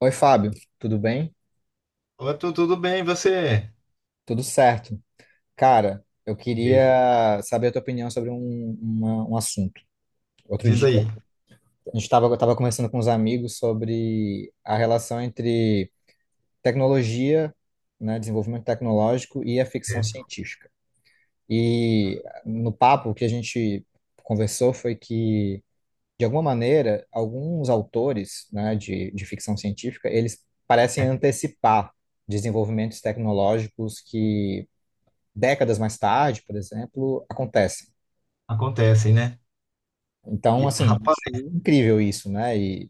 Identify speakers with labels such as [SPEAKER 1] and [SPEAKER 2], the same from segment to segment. [SPEAKER 1] Oi, Fábio, tudo bem?
[SPEAKER 2] Ô, tu, tudo bem, e você?
[SPEAKER 1] Tudo certo. Cara, eu
[SPEAKER 2] Beleza.
[SPEAKER 1] queria saber a tua opinião sobre um assunto. Outro
[SPEAKER 2] Diz
[SPEAKER 1] dia,
[SPEAKER 2] aí.
[SPEAKER 1] a gente estava tava tava conversando com uns amigos sobre a relação entre tecnologia, né, desenvolvimento tecnológico e a
[SPEAKER 2] É,
[SPEAKER 1] ficção científica. E no papo, o que a gente conversou foi que, de alguma maneira, alguns autores, né, de ficção científica, eles parecem
[SPEAKER 2] é,
[SPEAKER 1] antecipar desenvolvimentos tecnológicos que décadas mais tarde, por exemplo, acontecem.
[SPEAKER 2] acontecem, né?
[SPEAKER 1] Então,
[SPEAKER 2] E,
[SPEAKER 1] assim,
[SPEAKER 2] rapaz,
[SPEAKER 1] acho incrível isso, né?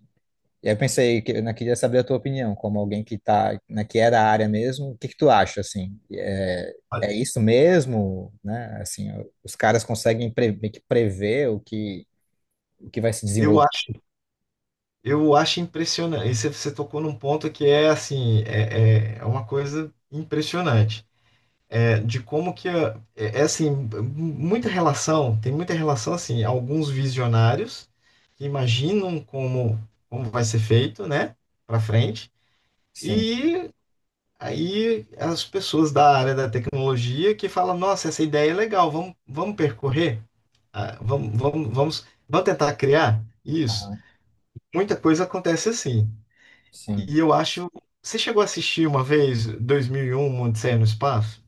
[SPEAKER 1] E aí eu pensei que eu queria saber a tua opinião, como alguém que tá, né, que é da área mesmo, o que que tu acha, assim? É,
[SPEAKER 2] olha,
[SPEAKER 1] é isso mesmo, né? Assim, os caras conseguem meio que prever o que vai se
[SPEAKER 2] eu
[SPEAKER 1] desenvolver.
[SPEAKER 2] acho, eu acho impressionante. E você tocou num ponto que é assim, é, é uma coisa impressionante. É, de como que é, é assim, tem muita relação assim, alguns visionários que imaginam como vai ser feito, né, para frente.
[SPEAKER 1] Sim,
[SPEAKER 2] E aí as pessoas da área da tecnologia que falam, nossa, essa ideia é legal, vamos percorrer. Ah, vamos tentar criar isso.
[SPEAKER 1] aham,
[SPEAKER 2] Muita coisa acontece assim.
[SPEAKER 1] sim.
[SPEAKER 2] E eu acho, você chegou a assistir uma vez 2001, Uma Odisseia no Espaço?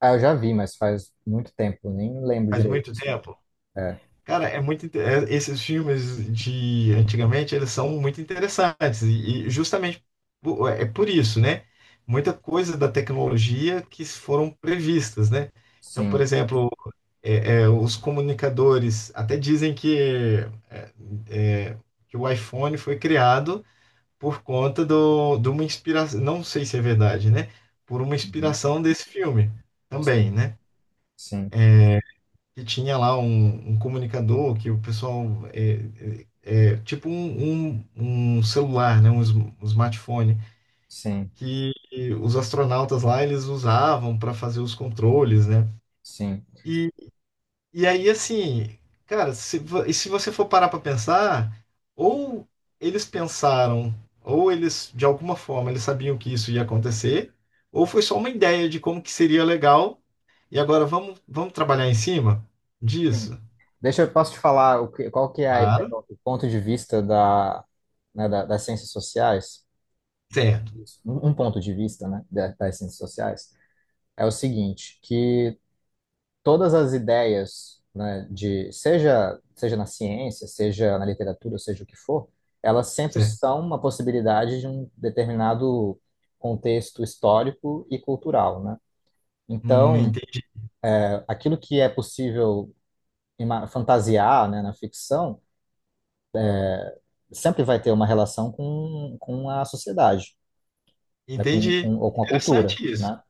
[SPEAKER 1] Ah, eu já vi, mas faz muito tempo, nem lembro
[SPEAKER 2] Faz
[SPEAKER 1] direito,
[SPEAKER 2] muito
[SPEAKER 1] assim.
[SPEAKER 2] tempo.
[SPEAKER 1] É,
[SPEAKER 2] Cara, é muito, esses filmes de antigamente, eles são muito interessantes e justamente é por isso, né? Muita coisa da tecnologia que foram previstas, né? Então, por
[SPEAKER 1] sim,
[SPEAKER 2] exemplo, é, é, os comunicadores até dizem que, é, é, que o iPhone foi criado por conta de uma inspiração, não sei se é verdade, né? Por uma
[SPEAKER 1] uhum,
[SPEAKER 2] inspiração desse filme também,
[SPEAKER 1] sim,
[SPEAKER 2] né?
[SPEAKER 1] sim,
[SPEAKER 2] Que tinha lá um comunicador que o pessoal é, é, é, tipo um celular, né? Um smartphone que os astronautas lá eles usavam para fazer os controles, né?
[SPEAKER 1] sim,
[SPEAKER 2] E E aí, assim, cara, se, vo- e se você for parar pra pensar, ou eles pensaram, ou eles, de alguma forma, eles sabiam que isso ia acontecer, ou foi só uma ideia de como que seria legal, e agora vamos trabalhar em cima
[SPEAKER 1] sim.
[SPEAKER 2] disso?
[SPEAKER 1] Deixa eu posso te falar qual que é a ideia,
[SPEAKER 2] Claro.
[SPEAKER 1] o ponto de vista das ciências sociais.
[SPEAKER 2] Certo,
[SPEAKER 1] Isso. Um ponto de vista, né, das ciências sociais, é o seguinte, que todas as ideias, né, de seja na ciência, seja na literatura, seja o que for, elas sempre
[SPEAKER 2] certo.
[SPEAKER 1] são uma possibilidade de um determinado contexto histórico e cultural, né? Então,
[SPEAKER 2] Entendi.
[SPEAKER 1] aquilo que é possível fantasiar, né, na ficção sempre vai ter uma relação com a sociedade, né,
[SPEAKER 2] Entendi.
[SPEAKER 1] ou com a cultura,
[SPEAKER 2] Interessante isso.
[SPEAKER 1] né?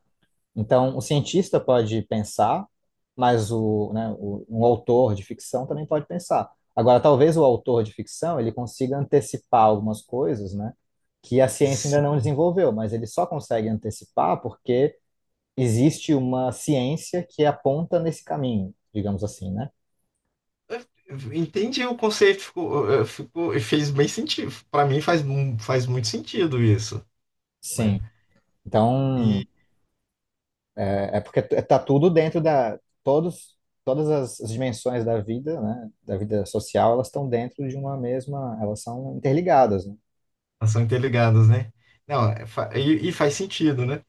[SPEAKER 1] Então, o cientista pode pensar, mas um autor de ficção também pode pensar. Agora, talvez o autor de ficção ele consiga antecipar algumas coisas, né, que a ciência ainda
[SPEAKER 2] Sim.
[SPEAKER 1] não desenvolveu, mas ele só consegue antecipar porque existe uma ciência que aponta nesse caminho, digamos assim, né?
[SPEAKER 2] Entendi o conceito, ficou, fez bem sentido. Para mim faz, faz muito sentido isso, né?
[SPEAKER 1] Sim. Então, é, é porque está tudo dentro da. Todos, as dimensões da vida, né? Da vida social, elas estão dentro de uma mesma. Elas são interligadas, né?
[SPEAKER 2] Elas são interligadas, né? Não, e faz sentido, né?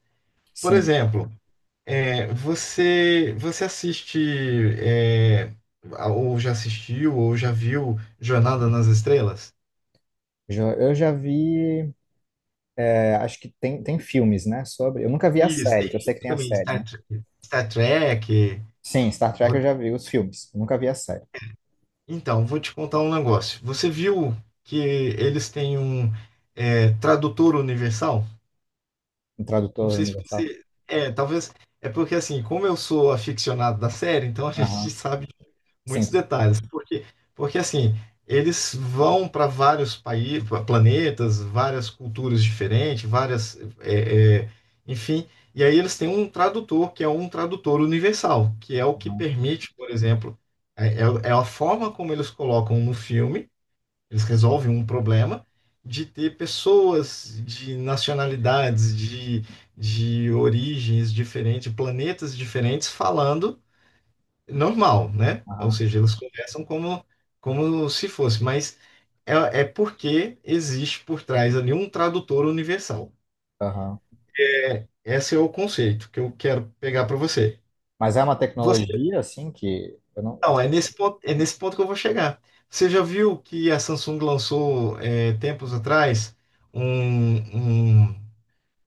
[SPEAKER 2] Por
[SPEAKER 1] Sim.
[SPEAKER 2] exemplo, é, você assiste é, ou já assistiu ou já viu Jornada nas Estrelas?
[SPEAKER 1] Eu já vi. É, acho que tem filmes, né? Sobre. Eu nunca vi a
[SPEAKER 2] Isso, tem
[SPEAKER 1] série, que eu sei que
[SPEAKER 2] filme
[SPEAKER 1] tem a
[SPEAKER 2] também
[SPEAKER 1] série, né?
[SPEAKER 2] Star Trek.
[SPEAKER 1] Sim, Star Trek
[SPEAKER 2] Vo-
[SPEAKER 1] eu já vi os filmes. Eu nunca vi a série.
[SPEAKER 2] Então, vou te contar um negócio. Você viu que eles têm um é, tradutor universal?
[SPEAKER 1] O
[SPEAKER 2] Não
[SPEAKER 1] tradutor
[SPEAKER 2] sei se
[SPEAKER 1] universal.
[SPEAKER 2] você. É, talvez. É porque assim, como eu sou aficionado da série, então a gente
[SPEAKER 1] Aham.
[SPEAKER 2] sabe. Muitos
[SPEAKER 1] Simples.
[SPEAKER 2] detalhes, porque, porque assim, eles vão para vários países, planetas, várias culturas diferentes, várias, é, é, enfim, e aí eles têm um tradutor, que é um tradutor universal, que é o que
[SPEAKER 1] Aham.
[SPEAKER 2] permite, por exemplo, é, é a forma como eles colocam no filme, eles resolvem um problema, de ter pessoas de nacionalidades, de origens diferentes, de planetas diferentes falando normal, né? Ou
[SPEAKER 1] Aham.
[SPEAKER 2] seja, eles conversam como, como se fosse, mas é, é porque existe por trás ali um tradutor universal.
[SPEAKER 1] Aham.
[SPEAKER 2] Esse é o conceito que eu quero pegar para você.
[SPEAKER 1] Mas é uma
[SPEAKER 2] Você,
[SPEAKER 1] tecnologia, assim, que eu não.
[SPEAKER 2] não, é nesse ponto que eu vou chegar. Você já viu que a Samsung lançou é, tempos atrás um, um,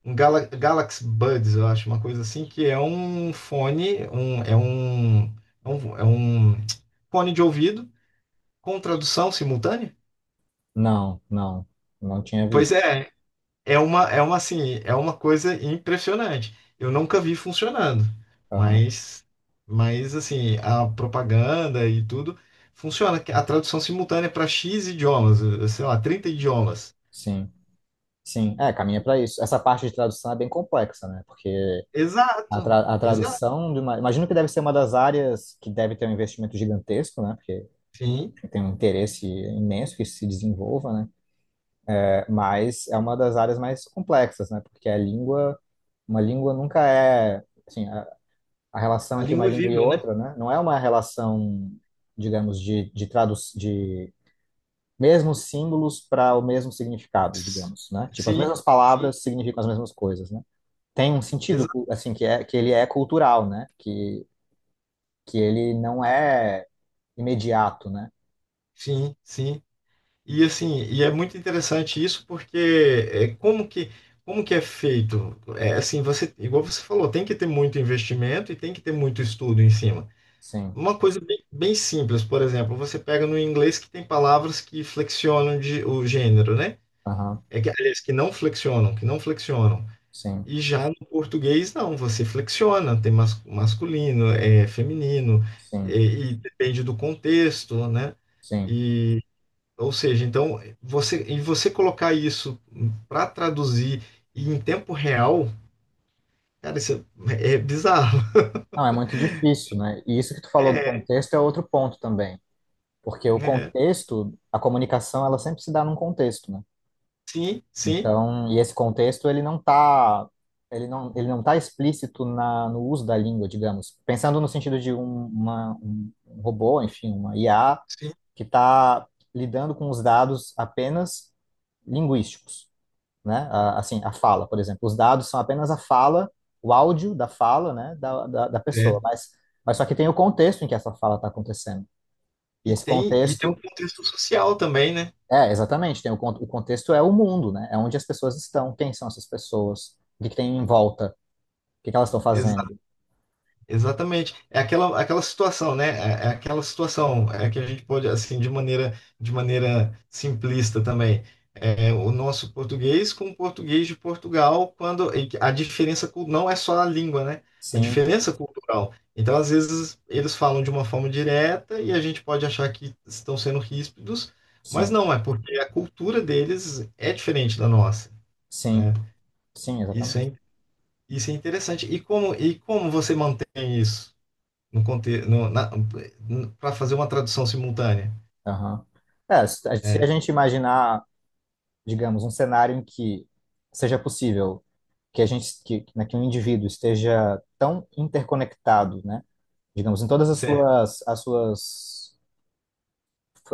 [SPEAKER 2] um Galaxy Buds, eu acho, uma coisa assim, que é um fone, é um, é um fone de ouvido com tradução simultânea?
[SPEAKER 1] Não, não. Não tinha
[SPEAKER 2] Pois
[SPEAKER 1] visto.
[SPEAKER 2] é, é uma assim, é uma coisa impressionante. Eu nunca vi funcionando,
[SPEAKER 1] Aham.
[SPEAKER 2] mas, mas assim, a propaganda e tudo funciona. A tradução simultânea para X idiomas, eh, sei lá, 30 idiomas.
[SPEAKER 1] Sim. Sim, é, caminha para isso. Essa parte de tradução é bem complexa, né? Porque
[SPEAKER 2] Exato,
[SPEAKER 1] a
[SPEAKER 2] exato.
[SPEAKER 1] tradução de uma... Imagino que deve ser uma das áreas que deve ter um investimento gigantesco, né? Porque
[SPEAKER 2] Sim,
[SPEAKER 1] tem um interesse imenso que isso se desenvolva, né? É, mas é uma das áreas mais complexas, né? Porque a língua, uma língua nunca é, assim, a relação
[SPEAKER 2] a
[SPEAKER 1] entre uma
[SPEAKER 2] língua é
[SPEAKER 1] língua e
[SPEAKER 2] viva, né?
[SPEAKER 1] outra, né? Não é uma relação, digamos, de tradução, de mesmos símbolos para o mesmo significado, digamos, né? Tipo, as
[SPEAKER 2] Sim,
[SPEAKER 1] mesmas
[SPEAKER 2] sim,
[SPEAKER 1] palavras significam as mesmas coisas, né? Tem um sentido,
[SPEAKER 2] exato.
[SPEAKER 1] assim, que é que ele é cultural, né? Que ele não é imediato, né?
[SPEAKER 2] Sim, sim. E assim, e é muito interessante isso porque é, como que é feito? É assim, você, igual você falou, tem que ter muito investimento e tem que ter muito estudo em cima.
[SPEAKER 1] Sim,
[SPEAKER 2] Uma coisa bem, bem simples, por exemplo, você pega no inglês que tem palavras que flexionam de, o gênero, né?
[SPEAKER 1] aham,
[SPEAKER 2] É que, aliás, que não flexionam.
[SPEAKER 1] sim,
[SPEAKER 2] E já no português, não, você flexiona, tem mas, masculino, é feminino,
[SPEAKER 1] sim,
[SPEAKER 2] e depende do contexto, né?
[SPEAKER 1] sim.
[SPEAKER 2] Ou seja, então você você colocar isso para traduzir e em tempo real, cara, isso é, é bizarro.
[SPEAKER 1] Não, é muito difícil, né? E isso que tu falou do
[SPEAKER 2] É,
[SPEAKER 1] contexto é outro ponto também, porque o
[SPEAKER 2] é.
[SPEAKER 1] contexto, a comunicação, ela sempre se dá num contexto, né?
[SPEAKER 2] Sim, sim,
[SPEAKER 1] Então, e esse contexto, ele não tá explícito na, no uso da língua, digamos. Pensando no sentido de um, uma, um um robô, enfim, uma IA,
[SPEAKER 2] sim.
[SPEAKER 1] que está lidando com os dados apenas linguísticos, né? Assim, a fala, por exemplo. Os dados são apenas a fala, o áudio da fala, né, da pessoa,
[SPEAKER 2] É.
[SPEAKER 1] mas só que tem o contexto em que essa fala está acontecendo. E
[SPEAKER 2] E
[SPEAKER 1] esse
[SPEAKER 2] tem um
[SPEAKER 1] contexto,
[SPEAKER 2] contexto social também, né?
[SPEAKER 1] é, exatamente, tem o contexto é o mundo, né? É onde as pessoas estão, quem são essas pessoas, o que que tem em volta, o que que elas estão fazendo.
[SPEAKER 2] Exatamente. É aquela, aquela situação, né? É, é aquela situação é que a gente pode, assim, de maneira simplista também. É, o nosso português com o português de Portugal, quando e que a diferença não é só a língua, né? A
[SPEAKER 1] Sim,
[SPEAKER 2] diferença cultural. Então, às vezes, eles falam de uma forma direta e a gente pode achar que estão sendo ríspidos, mas
[SPEAKER 1] sim,
[SPEAKER 2] não, é porque a cultura deles é diferente da nossa,
[SPEAKER 1] sim,
[SPEAKER 2] né?
[SPEAKER 1] sim,
[SPEAKER 2] Isso
[SPEAKER 1] exatamente.
[SPEAKER 2] é, isso é interessante. E e como você mantém isso? No contexto, para fazer uma tradução simultânea,
[SPEAKER 1] Aham. É, se a
[SPEAKER 2] né?
[SPEAKER 1] gente imaginar digamos, um cenário em que seja possível que a gente, que, né, que um indivíduo esteja tão interconectado, né, digamos, em
[SPEAKER 2] Certo.
[SPEAKER 1] as suas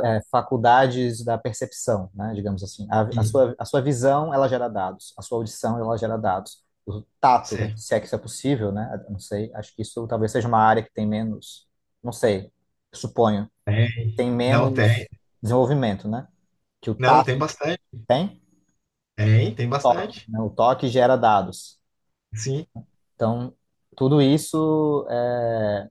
[SPEAKER 1] é, faculdades da percepção, né, digamos assim,
[SPEAKER 2] E,
[SPEAKER 1] a sua visão, ela gera dados, a sua audição, ela gera dados, o tato,
[SPEAKER 2] certo.
[SPEAKER 1] se é que isso é possível, né, não sei, acho que isso talvez seja uma área que tem menos, não sei, suponho,
[SPEAKER 2] Tem.
[SPEAKER 1] tem
[SPEAKER 2] Não tem.
[SPEAKER 1] menos desenvolvimento, né, que o
[SPEAKER 2] Não tem
[SPEAKER 1] tato
[SPEAKER 2] bastante.
[SPEAKER 1] tem,
[SPEAKER 2] Tem, tem
[SPEAKER 1] toque,
[SPEAKER 2] bastante.
[SPEAKER 1] né? O toque gera dados.
[SPEAKER 2] Sim.
[SPEAKER 1] Então, tudo isso é,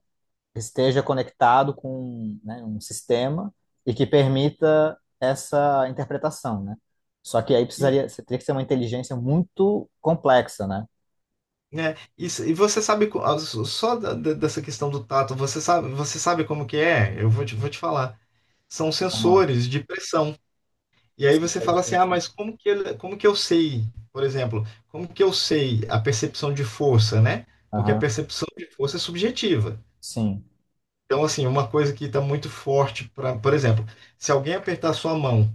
[SPEAKER 1] esteja conectado com, né, um sistema e que permita essa interpretação, né? Só que aí
[SPEAKER 2] E,
[SPEAKER 1] precisaria, você teria que ser uma inteligência muito complexa, né?
[SPEAKER 2] né? E, e você sabe ah, só dessa questão do tato, você sabe como que é? Vou te falar. São
[SPEAKER 1] Vamos lá.
[SPEAKER 2] sensores de pressão. E aí você
[SPEAKER 1] Sensores de
[SPEAKER 2] fala assim: "Ah,
[SPEAKER 1] pressão.
[SPEAKER 2] mas como que como que eu sei, por exemplo, como que eu sei a percepção de força, né? Porque a
[SPEAKER 1] Aham.
[SPEAKER 2] percepção de força é subjetiva.
[SPEAKER 1] Sim,
[SPEAKER 2] Então, assim, uma coisa que está muito forte, pra, por exemplo, se alguém apertar sua mão,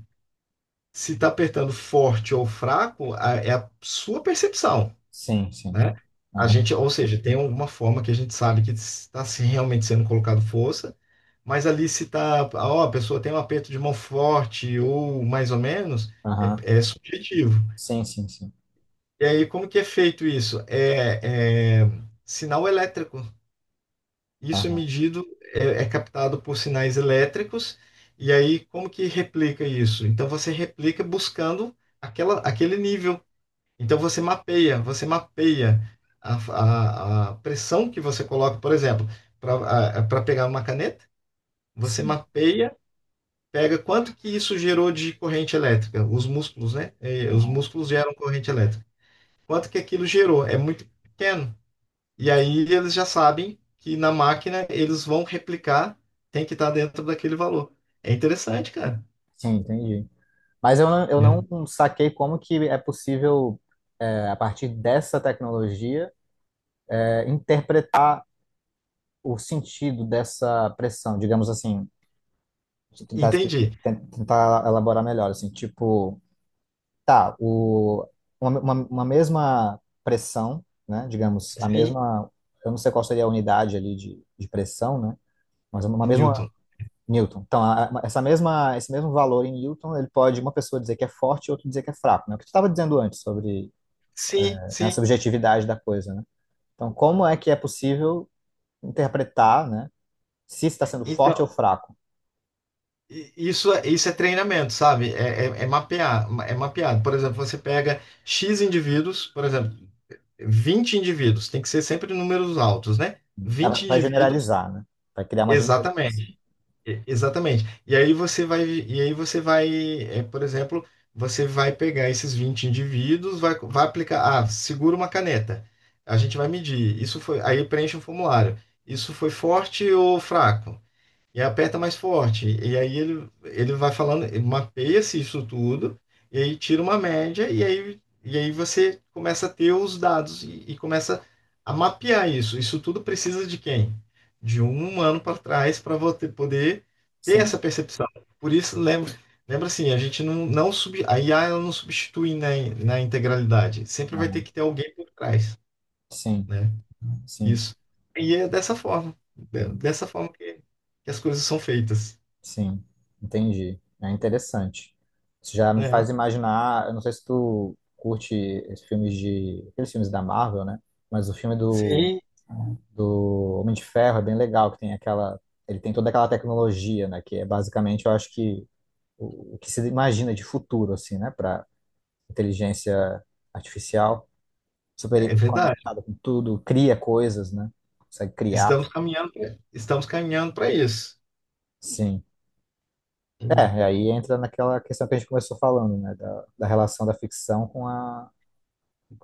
[SPEAKER 2] se está apertando forte ou fraco, é a sua percepção,
[SPEAKER 1] sim, sim.
[SPEAKER 2] né? A
[SPEAKER 1] Aham,
[SPEAKER 2] gente, ou seja, tem alguma forma que a gente sabe que está se realmente sendo colocado força, mas ali se está, ó, a pessoa tem um aperto de mão forte ou mais ou menos, é,
[SPEAKER 1] aham.
[SPEAKER 2] é subjetivo.
[SPEAKER 1] Sim, sim, sim.
[SPEAKER 2] E aí, como que é feito isso? É, é sinal elétrico. Isso é
[SPEAKER 1] Aham.
[SPEAKER 2] medido, é, é captado por sinais elétricos, e aí como que replica isso? Então você replica buscando aquela, aquele nível. Então você mapeia a pressão que você coloca, por exemplo, para pegar uma caneta, você
[SPEAKER 1] Sim,
[SPEAKER 2] mapeia, pega quanto que isso gerou de corrente elétrica, os músculos, né? Eh, os músculos geram corrente elétrica. Quanto que aquilo gerou? É muito pequeno. E aí eles já sabem que na máquina eles vão replicar, tem que estar dentro daquele valor. É interessante, cara.
[SPEAKER 1] sim, entendi. Mas eu
[SPEAKER 2] Né?
[SPEAKER 1] não saquei como que é possível, é, a partir dessa tecnologia, interpretar o sentido dessa pressão, digamos assim, deixa eu tentar,
[SPEAKER 2] Entendi.
[SPEAKER 1] tentar elaborar melhor, assim, tipo, tá, o, uma mesma pressão, né, digamos, a
[SPEAKER 2] Sim,
[SPEAKER 1] mesma, eu não sei qual seria a unidade ali de pressão, né, mas uma
[SPEAKER 2] é
[SPEAKER 1] mesma
[SPEAKER 2] Newton.
[SPEAKER 1] Newton. Então, essa mesma, esse mesmo valor em Newton, ele pode uma pessoa dizer que é forte e outra dizer que é fraco, né, o que tu estava dizendo antes sobre
[SPEAKER 2] Sim,
[SPEAKER 1] né, a
[SPEAKER 2] sim.
[SPEAKER 1] subjetividade da coisa, né. Então, como é que é possível interpretar, né, se está sendo forte ou
[SPEAKER 2] Então,
[SPEAKER 1] fraco.
[SPEAKER 2] isso, isso é treinamento, sabe? É, é, é mapear, é mapeado. Por exemplo, você pega X indivíduos, por exemplo, 20 indivíduos, tem que ser sempre números altos, né?
[SPEAKER 1] Ela
[SPEAKER 2] vinte
[SPEAKER 1] vai
[SPEAKER 2] indivíduos,
[SPEAKER 1] generalizar, né? Vai criar uma generalização.
[SPEAKER 2] exatamente. Exatamente. E aí você vai, é, por exemplo, você vai pegar esses 20 indivíduos, vai, vai aplicar, ah, segura uma caneta. A gente vai medir. Isso foi, aí preenche um formulário. Isso foi forte ou fraco? E aperta mais forte. E aí ele vai falando, ele mapeia-se isso tudo, e aí tira uma média, e aí você começa a ter os dados e começa a mapear isso. Isso tudo precisa de quem? De um humano para trás para você poder ter
[SPEAKER 1] Sim,
[SPEAKER 2] essa percepção. Por isso, lembra assim, a gente não, não sub, a IA ela não substitui na, na integralidade. Sempre vai ter
[SPEAKER 1] aham,
[SPEAKER 2] que ter alguém por trás,
[SPEAKER 1] sim,
[SPEAKER 2] né?
[SPEAKER 1] sim,
[SPEAKER 2] Isso. E é dessa forma,
[SPEAKER 1] uhum,
[SPEAKER 2] dessa forma que as coisas são feitas.
[SPEAKER 1] sim. Entendi. É interessante. Isso já me
[SPEAKER 2] Né?
[SPEAKER 1] faz imaginar. Eu não sei se tu curte esses filmes de. Aqueles filmes da Marvel, né? Mas o filme do,
[SPEAKER 2] Sim,
[SPEAKER 1] do Homem de Ferro é bem legal, que tem aquela. Ele tem toda aquela tecnologia, né? Que é basicamente, eu acho que o que se imagina de futuro, assim, né? Para inteligência artificial. Super
[SPEAKER 2] é verdade.
[SPEAKER 1] conectada com tudo, cria coisas, né? Consegue criar,
[SPEAKER 2] Estamos caminhando para isso.
[SPEAKER 1] sim. É,
[SPEAKER 2] Hum.
[SPEAKER 1] e aí entra naquela questão que a gente começou falando, né? Da relação da ficção com a,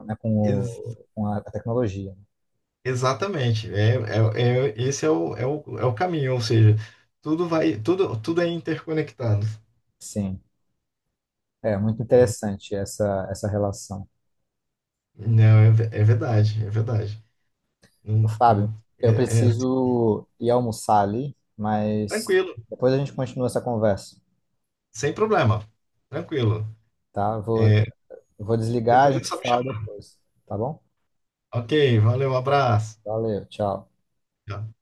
[SPEAKER 1] né,
[SPEAKER 2] Ex-
[SPEAKER 1] com a, tecnologia.
[SPEAKER 2] Exatamente. É, é, esse é o, é o, é o caminho, ou seja, tudo vai, tudo, tudo é interconectado.
[SPEAKER 1] Sim, é muito interessante essa, essa relação.
[SPEAKER 2] Não, é, é verdade, é verdade.
[SPEAKER 1] Fábio, eu
[SPEAKER 2] É, é
[SPEAKER 1] preciso ir almoçar ali, mas
[SPEAKER 2] tranquilo,
[SPEAKER 1] depois a gente continua essa conversa,
[SPEAKER 2] sem problema. Tranquilo.
[SPEAKER 1] tá? Vou,
[SPEAKER 2] É,
[SPEAKER 1] vou desligar, a
[SPEAKER 2] depois é
[SPEAKER 1] gente
[SPEAKER 2] só
[SPEAKER 1] se
[SPEAKER 2] me
[SPEAKER 1] fala
[SPEAKER 2] chamar.
[SPEAKER 1] depois, tá bom?
[SPEAKER 2] Ok, valeu, abraço.
[SPEAKER 1] Valeu, tchau.
[SPEAKER 2] Tchau.